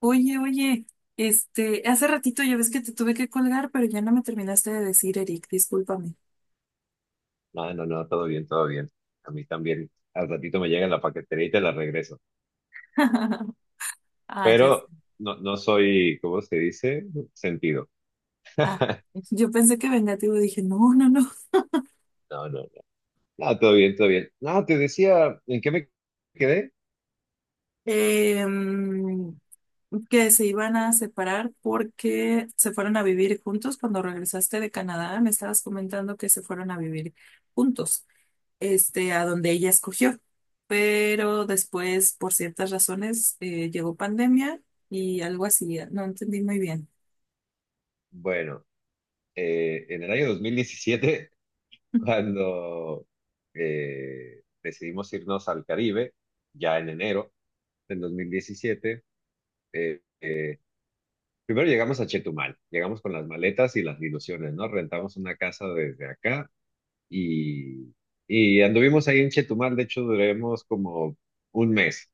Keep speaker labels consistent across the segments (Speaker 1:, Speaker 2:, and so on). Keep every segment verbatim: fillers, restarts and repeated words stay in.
Speaker 1: Oye, oye, este, hace ratito ya ves que te tuve que colgar, pero ya no me terminaste de decir, Eric, discúlpame.
Speaker 2: No, no, no, todo bien, todo bien. A mí también. Al ratito me llega la paquetería y te la regreso.
Speaker 1: Ah, ya sé.
Speaker 2: Pero no, no soy, ¿cómo se dice? Sentido.
Speaker 1: Ah, yo pensé que vengativo, dije, no, no, no.
Speaker 2: No, no, no. No, todo bien, todo bien. No, te decía, ¿en qué me quedé?
Speaker 1: Em, que se iban a separar porque se fueron a vivir juntos. Cuando regresaste de Canadá, me estabas comentando que se fueron a vivir juntos, este, a donde ella escogió. Pero después, por ciertas razones, eh, llegó pandemia y algo así, no entendí muy bien.
Speaker 2: Bueno, eh, en el año dos mil diecisiete cuando eh, decidimos irnos al Caribe, ya en enero del dos mil diecisiete. eh, eh, Primero llegamos a Chetumal, llegamos con las maletas y las ilusiones, ¿no? Rentamos una casa desde acá y, y anduvimos ahí en Chetumal. De hecho, duramos como un mes.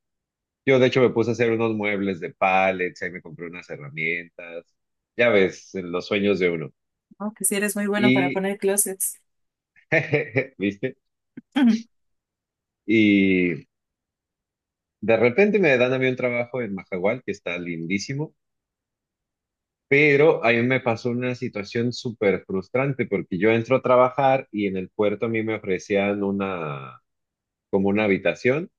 Speaker 2: Yo de hecho me puse a hacer unos muebles de pallets, ahí me compré unas herramientas, ya ves, los sueños de uno.
Speaker 1: Oh, que si eres muy bueno para
Speaker 2: Y,
Speaker 1: poner closets.
Speaker 2: ¿viste? Y de repente me dan a mí un trabajo en Majahual, que está lindísimo, pero ahí me pasó una situación súper frustrante porque yo entro a trabajar y en el puerto a mí me ofrecían una, como una habitación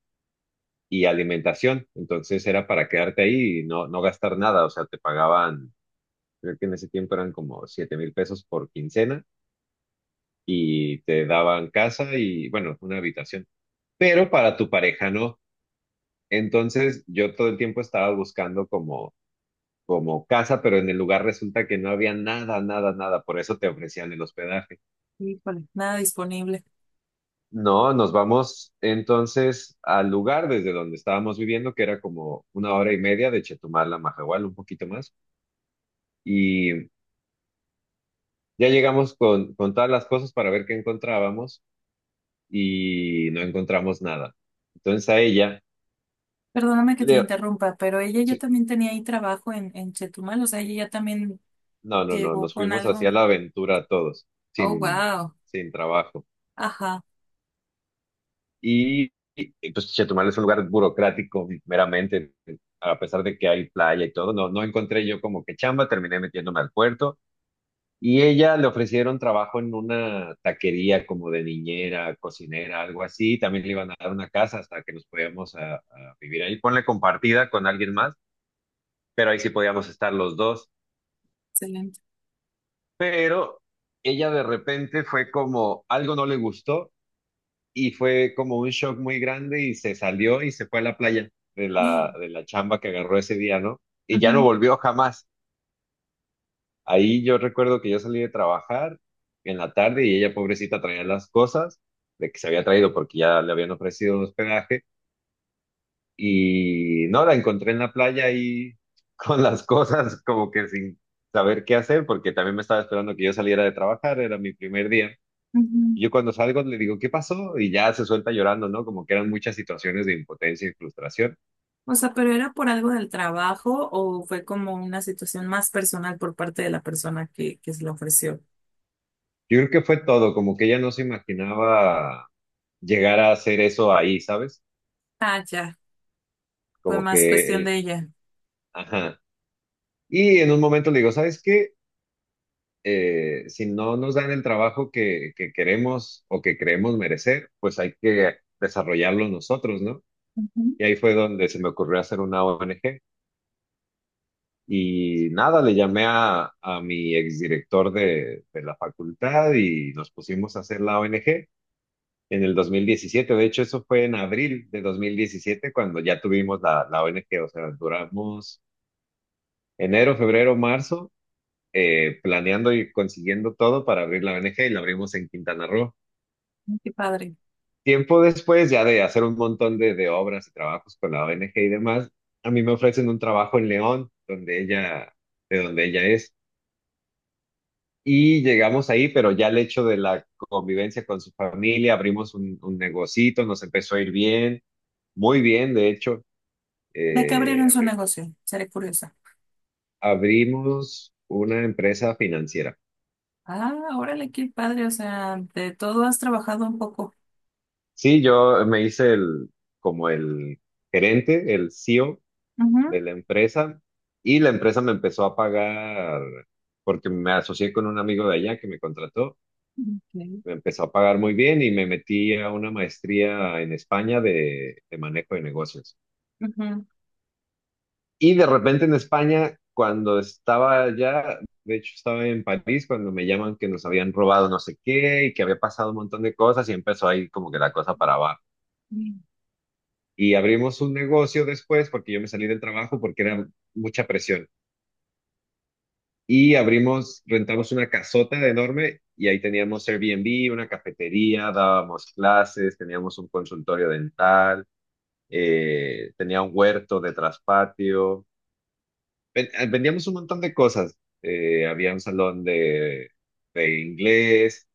Speaker 2: y alimentación. Entonces era para quedarte ahí y no, no gastar nada. O sea, te pagaban, creo que en ese tiempo eran como siete mil pesos por quincena y te daban casa y, bueno, una habitación. Pero para tu pareja no. Entonces yo todo el tiempo estaba buscando como, como casa, pero en el lugar resulta que no había nada, nada, nada. Por eso te ofrecían el hospedaje.
Speaker 1: Híjole, nada disponible.
Speaker 2: No, nos vamos entonces al lugar desde donde estábamos viviendo, que era como una hora y media de Chetumal a Mahahual, un poquito más. Y Ya llegamos con, con todas las cosas para ver qué encontrábamos y no encontramos nada. Entonces a ella,
Speaker 1: Perdóname que te
Speaker 2: Leo,
Speaker 1: interrumpa, pero ella ya
Speaker 2: sí,
Speaker 1: también tenía ahí trabajo en, en Chetumal, o sea, ella ya también
Speaker 2: no, no, no,
Speaker 1: llegó
Speaker 2: nos
Speaker 1: con
Speaker 2: fuimos
Speaker 1: algo.
Speaker 2: hacia la aventura todos,
Speaker 1: Oh,
Speaker 2: sin,
Speaker 1: wow.
Speaker 2: sin trabajo.
Speaker 1: Ajá,
Speaker 2: Y, y, pues Chetumal es un lugar burocrático meramente, a pesar de que hay playa y todo. No, no encontré yo como que chamba, terminé metiéndome al puerto. Y ella le ofrecieron trabajo en una taquería como de niñera, cocinera, algo así. También le iban a dar una casa hasta que nos podíamos a, a vivir ahí. Ponle compartida con alguien más, pero ahí sí podíamos estar los dos.
Speaker 1: excelente.
Speaker 2: Pero ella de repente fue como, algo no le gustó y fue como un shock muy grande y se salió y se fue a la playa de la,
Speaker 1: Sí.
Speaker 2: de la chamba que agarró ese día, ¿no? Y ya no
Speaker 1: Ujú,
Speaker 2: volvió jamás. Ahí yo recuerdo que yo salí de trabajar en la tarde y ella, pobrecita, traía las cosas de que se había traído porque ya le habían ofrecido un hospedaje y no, la encontré en la playa ahí con las cosas como que sin saber qué hacer, porque también me estaba esperando que yo saliera de trabajar, era mi primer día.
Speaker 1: ujú.
Speaker 2: Y yo cuando salgo le digo, ¿qué pasó? Y ya se suelta llorando, ¿no? Como que eran muchas situaciones de impotencia y frustración.
Speaker 1: O sea, pero era por algo del trabajo o fue como una situación más personal por parte de la persona que, que se lo ofreció.
Speaker 2: Yo creo que fue todo, como que ella no se imaginaba llegar a hacer eso ahí, ¿sabes?
Speaker 1: Ah, ya, fue
Speaker 2: Como
Speaker 1: más
Speaker 2: que...
Speaker 1: cuestión
Speaker 2: eh,
Speaker 1: de ella.
Speaker 2: Ajá. Y en un momento le digo, ¿sabes qué? Eh, si no nos dan el trabajo que, que queremos o que creemos merecer, pues hay que desarrollarlo nosotros, ¿no? Y ahí fue donde se me ocurrió hacer una O N G. Y nada, le llamé a, a mi exdirector de, de la facultad y nos pusimos a hacer la O N G en el dos mil diecisiete. De hecho, eso fue en abril de dos mil diecisiete, cuando ya tuvimos la, la O N G. O sea, duramos enero, febrero, marzo, eh, planeando y consiguiendo todo para abrir la O N G, y la abrimos en Quintana Roo.
Speaker 1: Ujú, qué padre.
Speaker 2: Tiempo después, ya de hacer un montón de, de obras y trabajos con la O N G y demás, a mí me ofrecen un trabajo en León, donde ella, de donde ella es. Y llegamos ahí, pero ya el hecho de la convivencia con su familia, abrimos un, un negocito, nos empezó a ir bien, muy bien, de hecho.
Speaker 1: ¿De qué
Speaker 2: eh,
Speaker 1: abrieron su
Speaker 2: abri-
Speaker 1: negocio? Seré curiosa.
Speaker 2: Abrimos una empresa financiera.
Speaker 1: Ah, órale, qué padre, o sea, de todo has trabajado un poco.
Speaker 2: Sí, yo me hice el, como el gerente, el C E O
Speaker 1: Ujú.
Speaker 2: de la empresa, y la empresa me empezó a pagar, porque me asocié con un amigo de allá que me contrató,
Speaker 1: Ok,
Speaker 2: me empezó a pagar muy bien, y me metí a una maestría en España de, de manejo de negocios. Y de repente en España, cuando estaba allá, de hecho estaba en París, cuando me llaman que nos habían robado no sé qué y que había pasado un montón de cosas, y empezó ahí como que la cosa para abajo.
Speaker 1: ujú.
Speaker 2: Y abrimos un negocio después, porque yo me salí del trabajo porque era mucha presión. Y abrimos, rentamos una casota enorme, y ahí teníamos Airbnb, una cafetería, dábamos clases, teníamos un consultorio dental, eh, tenía un huerto de traspatio, Ven- eh, vendíamos un montón de cosas. Eh, había un salón de, de inglés,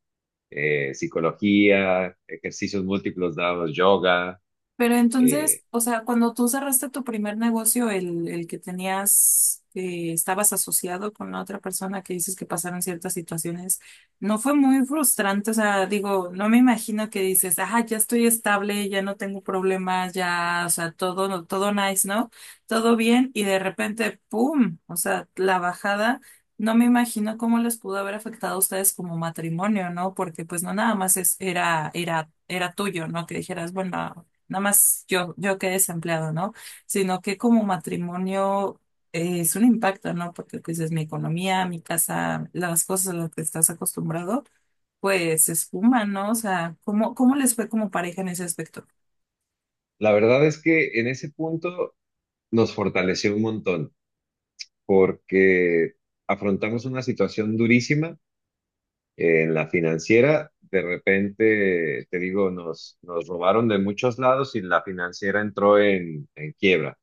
Speaker 2: eh, psicología, ejercicios múltiplos, dábamos yoga.
Speaker 1: Pero
Speaker 2: eh.
Speaker 1: entonces, o sea, cuando tú cerraste tu primer negocio, el, el que tenías, eh, estabas asociado con la otra persona que dices que pasaron ciertas situaciones, ¿no fue muy frustrante? O sea, digo, no me imagino que dices, ah, ya estoy estable, ya no tengo problemas, ya, o sea, todo, no, todo nice, ¿no? Todo bien, y de repente, ¡pum! O sea, la bajada. No me imagino cómo les pudo haber afectado a ustedes como matrimonio, ¿no? Porque pues no nada más es, era, era, era tuyo, ¿no? Que dijeras, bueno, nada más yo, yo quedé desempleado, ¿no? Sino que como matrimonio eh, es un impacto, ¿no? Porque pues es mi economía, mi casa, las cosas a las que estás acostumbrado, pues se esfuman, ¿no? O sea, ¿cómo, ¿cómo les fue como pareja en ese aspecto?
Speaker 2: La verdad es que en ese punto nos fortaleció un montón, porque afrontamos una situación durísima. En la financiera, de repente, te digo, nos, nos robaron de muchos lados y la financiera entró en, en quiebra.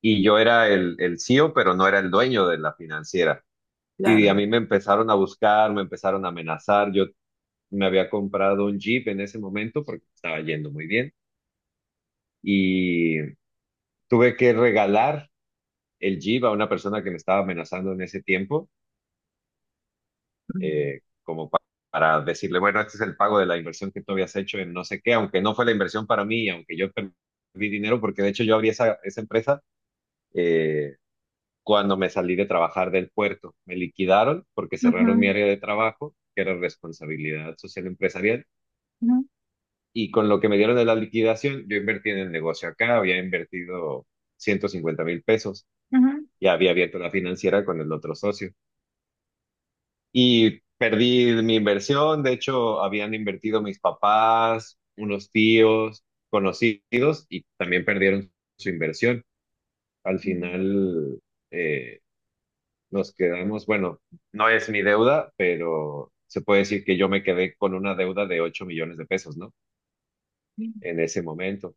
Speaker 2: Y yo era el, el C E O, pero no era el dueño de la financiera. Y a
Speaker 1: Claro.
Speaker 2: mí me empezaron a buscar, me empezaron a amenazar. Yo me había comprado un Jeep en ese momento porque estaba yendo muy bien. Y tuve que regalar el Jeep a una persona que me estaba amenazando en ese tiempo,
Speaker 1: Mm.
Speaker 2: eh, como pa- para decirle, bueno, este es el pago de la inversión que tú habías hecho en no sé qué, aunque no fue la inversión para mí, aunque yo perdí dinero, porque de hecho yo abrí esa, esa empresa eh, cuando me salí de trabajar del puerto. Me liquidaron porque cerraron mi
Speaker 1: Ujú,
Speaker 2: área de trabajo, que era responsabilidad social empresarial,
Speaker 1: ujú,
Speaker 2: y con lo que me dieron de la liquidación, yo invertí en el negocio acá, había invertido ciento cincuenta mil pesos.
Speaker 1: ujú.
Speaker 2: Y había abierto la financiera con el otro socio. Y perdí mi inversión. De hecho, habían invertido mis papás, unos tíos, conocidos, y también perdieron su inversión. Al final, eh, nos quedamos, bueno, no es mi deuda, pero se puede decir que yo me quedé con una deuda de ocho millones de pesos, ¿no? En ese momento.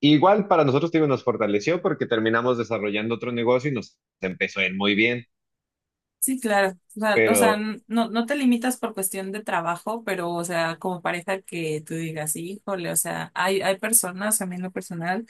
Speaker 2: Igual para nosotros, digo, nos fortaleció porque terminamos desarrollando otro negocio y nos empezó a ir muy bien.
Speaker 1: Sí, claro. O sea, o sea,
Speaker 2: Pero.
Speaker 1: n- no, no te limitas por cuestión de trabajo, pero, o sea, como pareja que tú digas, híjole, o sea, hay, hay personas, a mí en lo personal,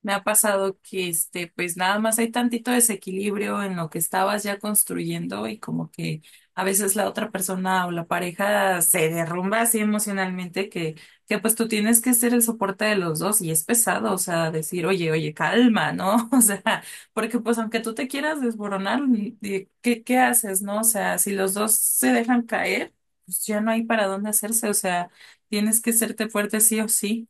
Speaker 1: me ha pasado que, este, pues nada más hay tantito desequilibrio en lo que estabas ya construyendo y como que a veces la otra persona o la pareja se derrumba así emocionalmente que, que pues tú tienes que ser el soporte de los dos y es pesado, o sea, decir, oye, oye, calma, ¿no? O sea, porque pues aunque tú te quieras desboronar, ni- ni- ¿qué, qué haces, no? O sea, si los dos se dejan caer, pues ya no hay para dónde hacerse. O sea, tienes que serte fuerte sí o sí.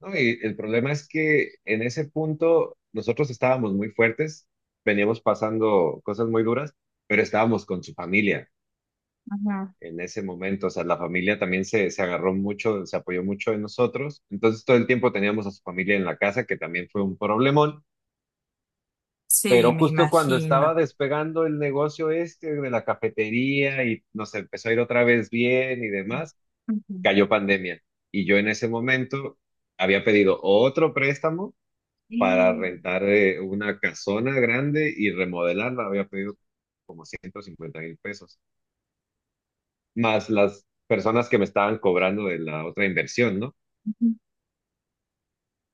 Speaker 2: No, y el problema es que en ese punto nosotros estábamos muy fuertes, veníamos pasando cosas muy duras, pero estábamos con su familia
Speaker 1: Ajá.
Speaker 2: en ese momento. O sea, la familia también se, se agarró mucho, se apoyó mucho en nosotros. Entonces todo el tiempo teníamos a su familia en la casa, que también fue un problemón.
Speaker 1: Sí,
Speaker 2: Pero
Speaker 1: me
Speaker 2: justo cuando estaba
Speaker 1: imagino.
Speaker 2: despegando el negocio este de la cafetería y nos empezó a ir otra vez bien y demás,
Speaker 1: Ujú.
Speaker 2: cayó pandemia. Y yo en ese momento había pedido otro préstamo para rentar eh, una casona grande y remodelarla. Había pedido ciento cincuenta mil pesos, más las personas que me estaban cobrando de la otra inversión, ¿no?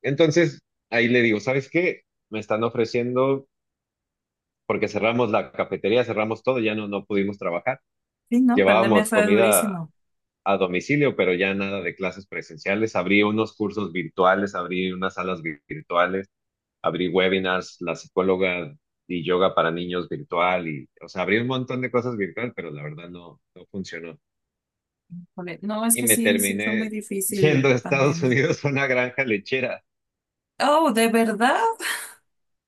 Speaker 2: Entonces, ahí le digo, ¿sabes qué? Me están ofreciendo, porque cerramos la cafetería, cerramos todo, ya no, no pudimos trabajar.
Speaker 1: Sí, no, pandemia
Speaker 2: Llevábamos
Speaker 1: fue
Speaker 2: comida
Speaker 1: durísimo.
Speaker 2: a domicilio, pero ya nada de clases presenciales. Abrí unos cursos virtuales, abrí unas salas vi- virtuales, abrí webinars, la psicóloga y yoga para niños virtual y, o sea, abrí un montón de cosas virtual, pero la verdad no, no funcionó.
Speaker 1: Híjole, no, es
Speaker 2: Y
Speaker 1: que
Speaker 2: me
Speaker 1: sí, sí fue muy
Speaker 2: terminé yendo
Speaker 1: difícil
Speaker 2: a Estados
Speaker 1: pandemia.
Speaker 2: Unidos a una granja lechera.
Speaker 1: Oh, ¿de verdad?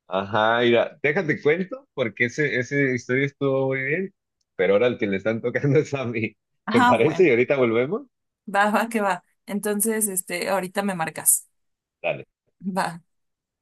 Speaker 2: Ajá, mira, déjate cuento, porque ese, ese historia estuvo muy bien, pero ahora el que le están tocando es a mí. ¿Te
Speaker 1: Ah,
Speaker 2: parece? Y
Speaker 1: bueno,
Speaker 2: ahorita volvemos.
Speaker 1: va, va, que va. Entonces, este, ahorita me marcas.
Speaker 2: Dale.
Speaker 1: Va.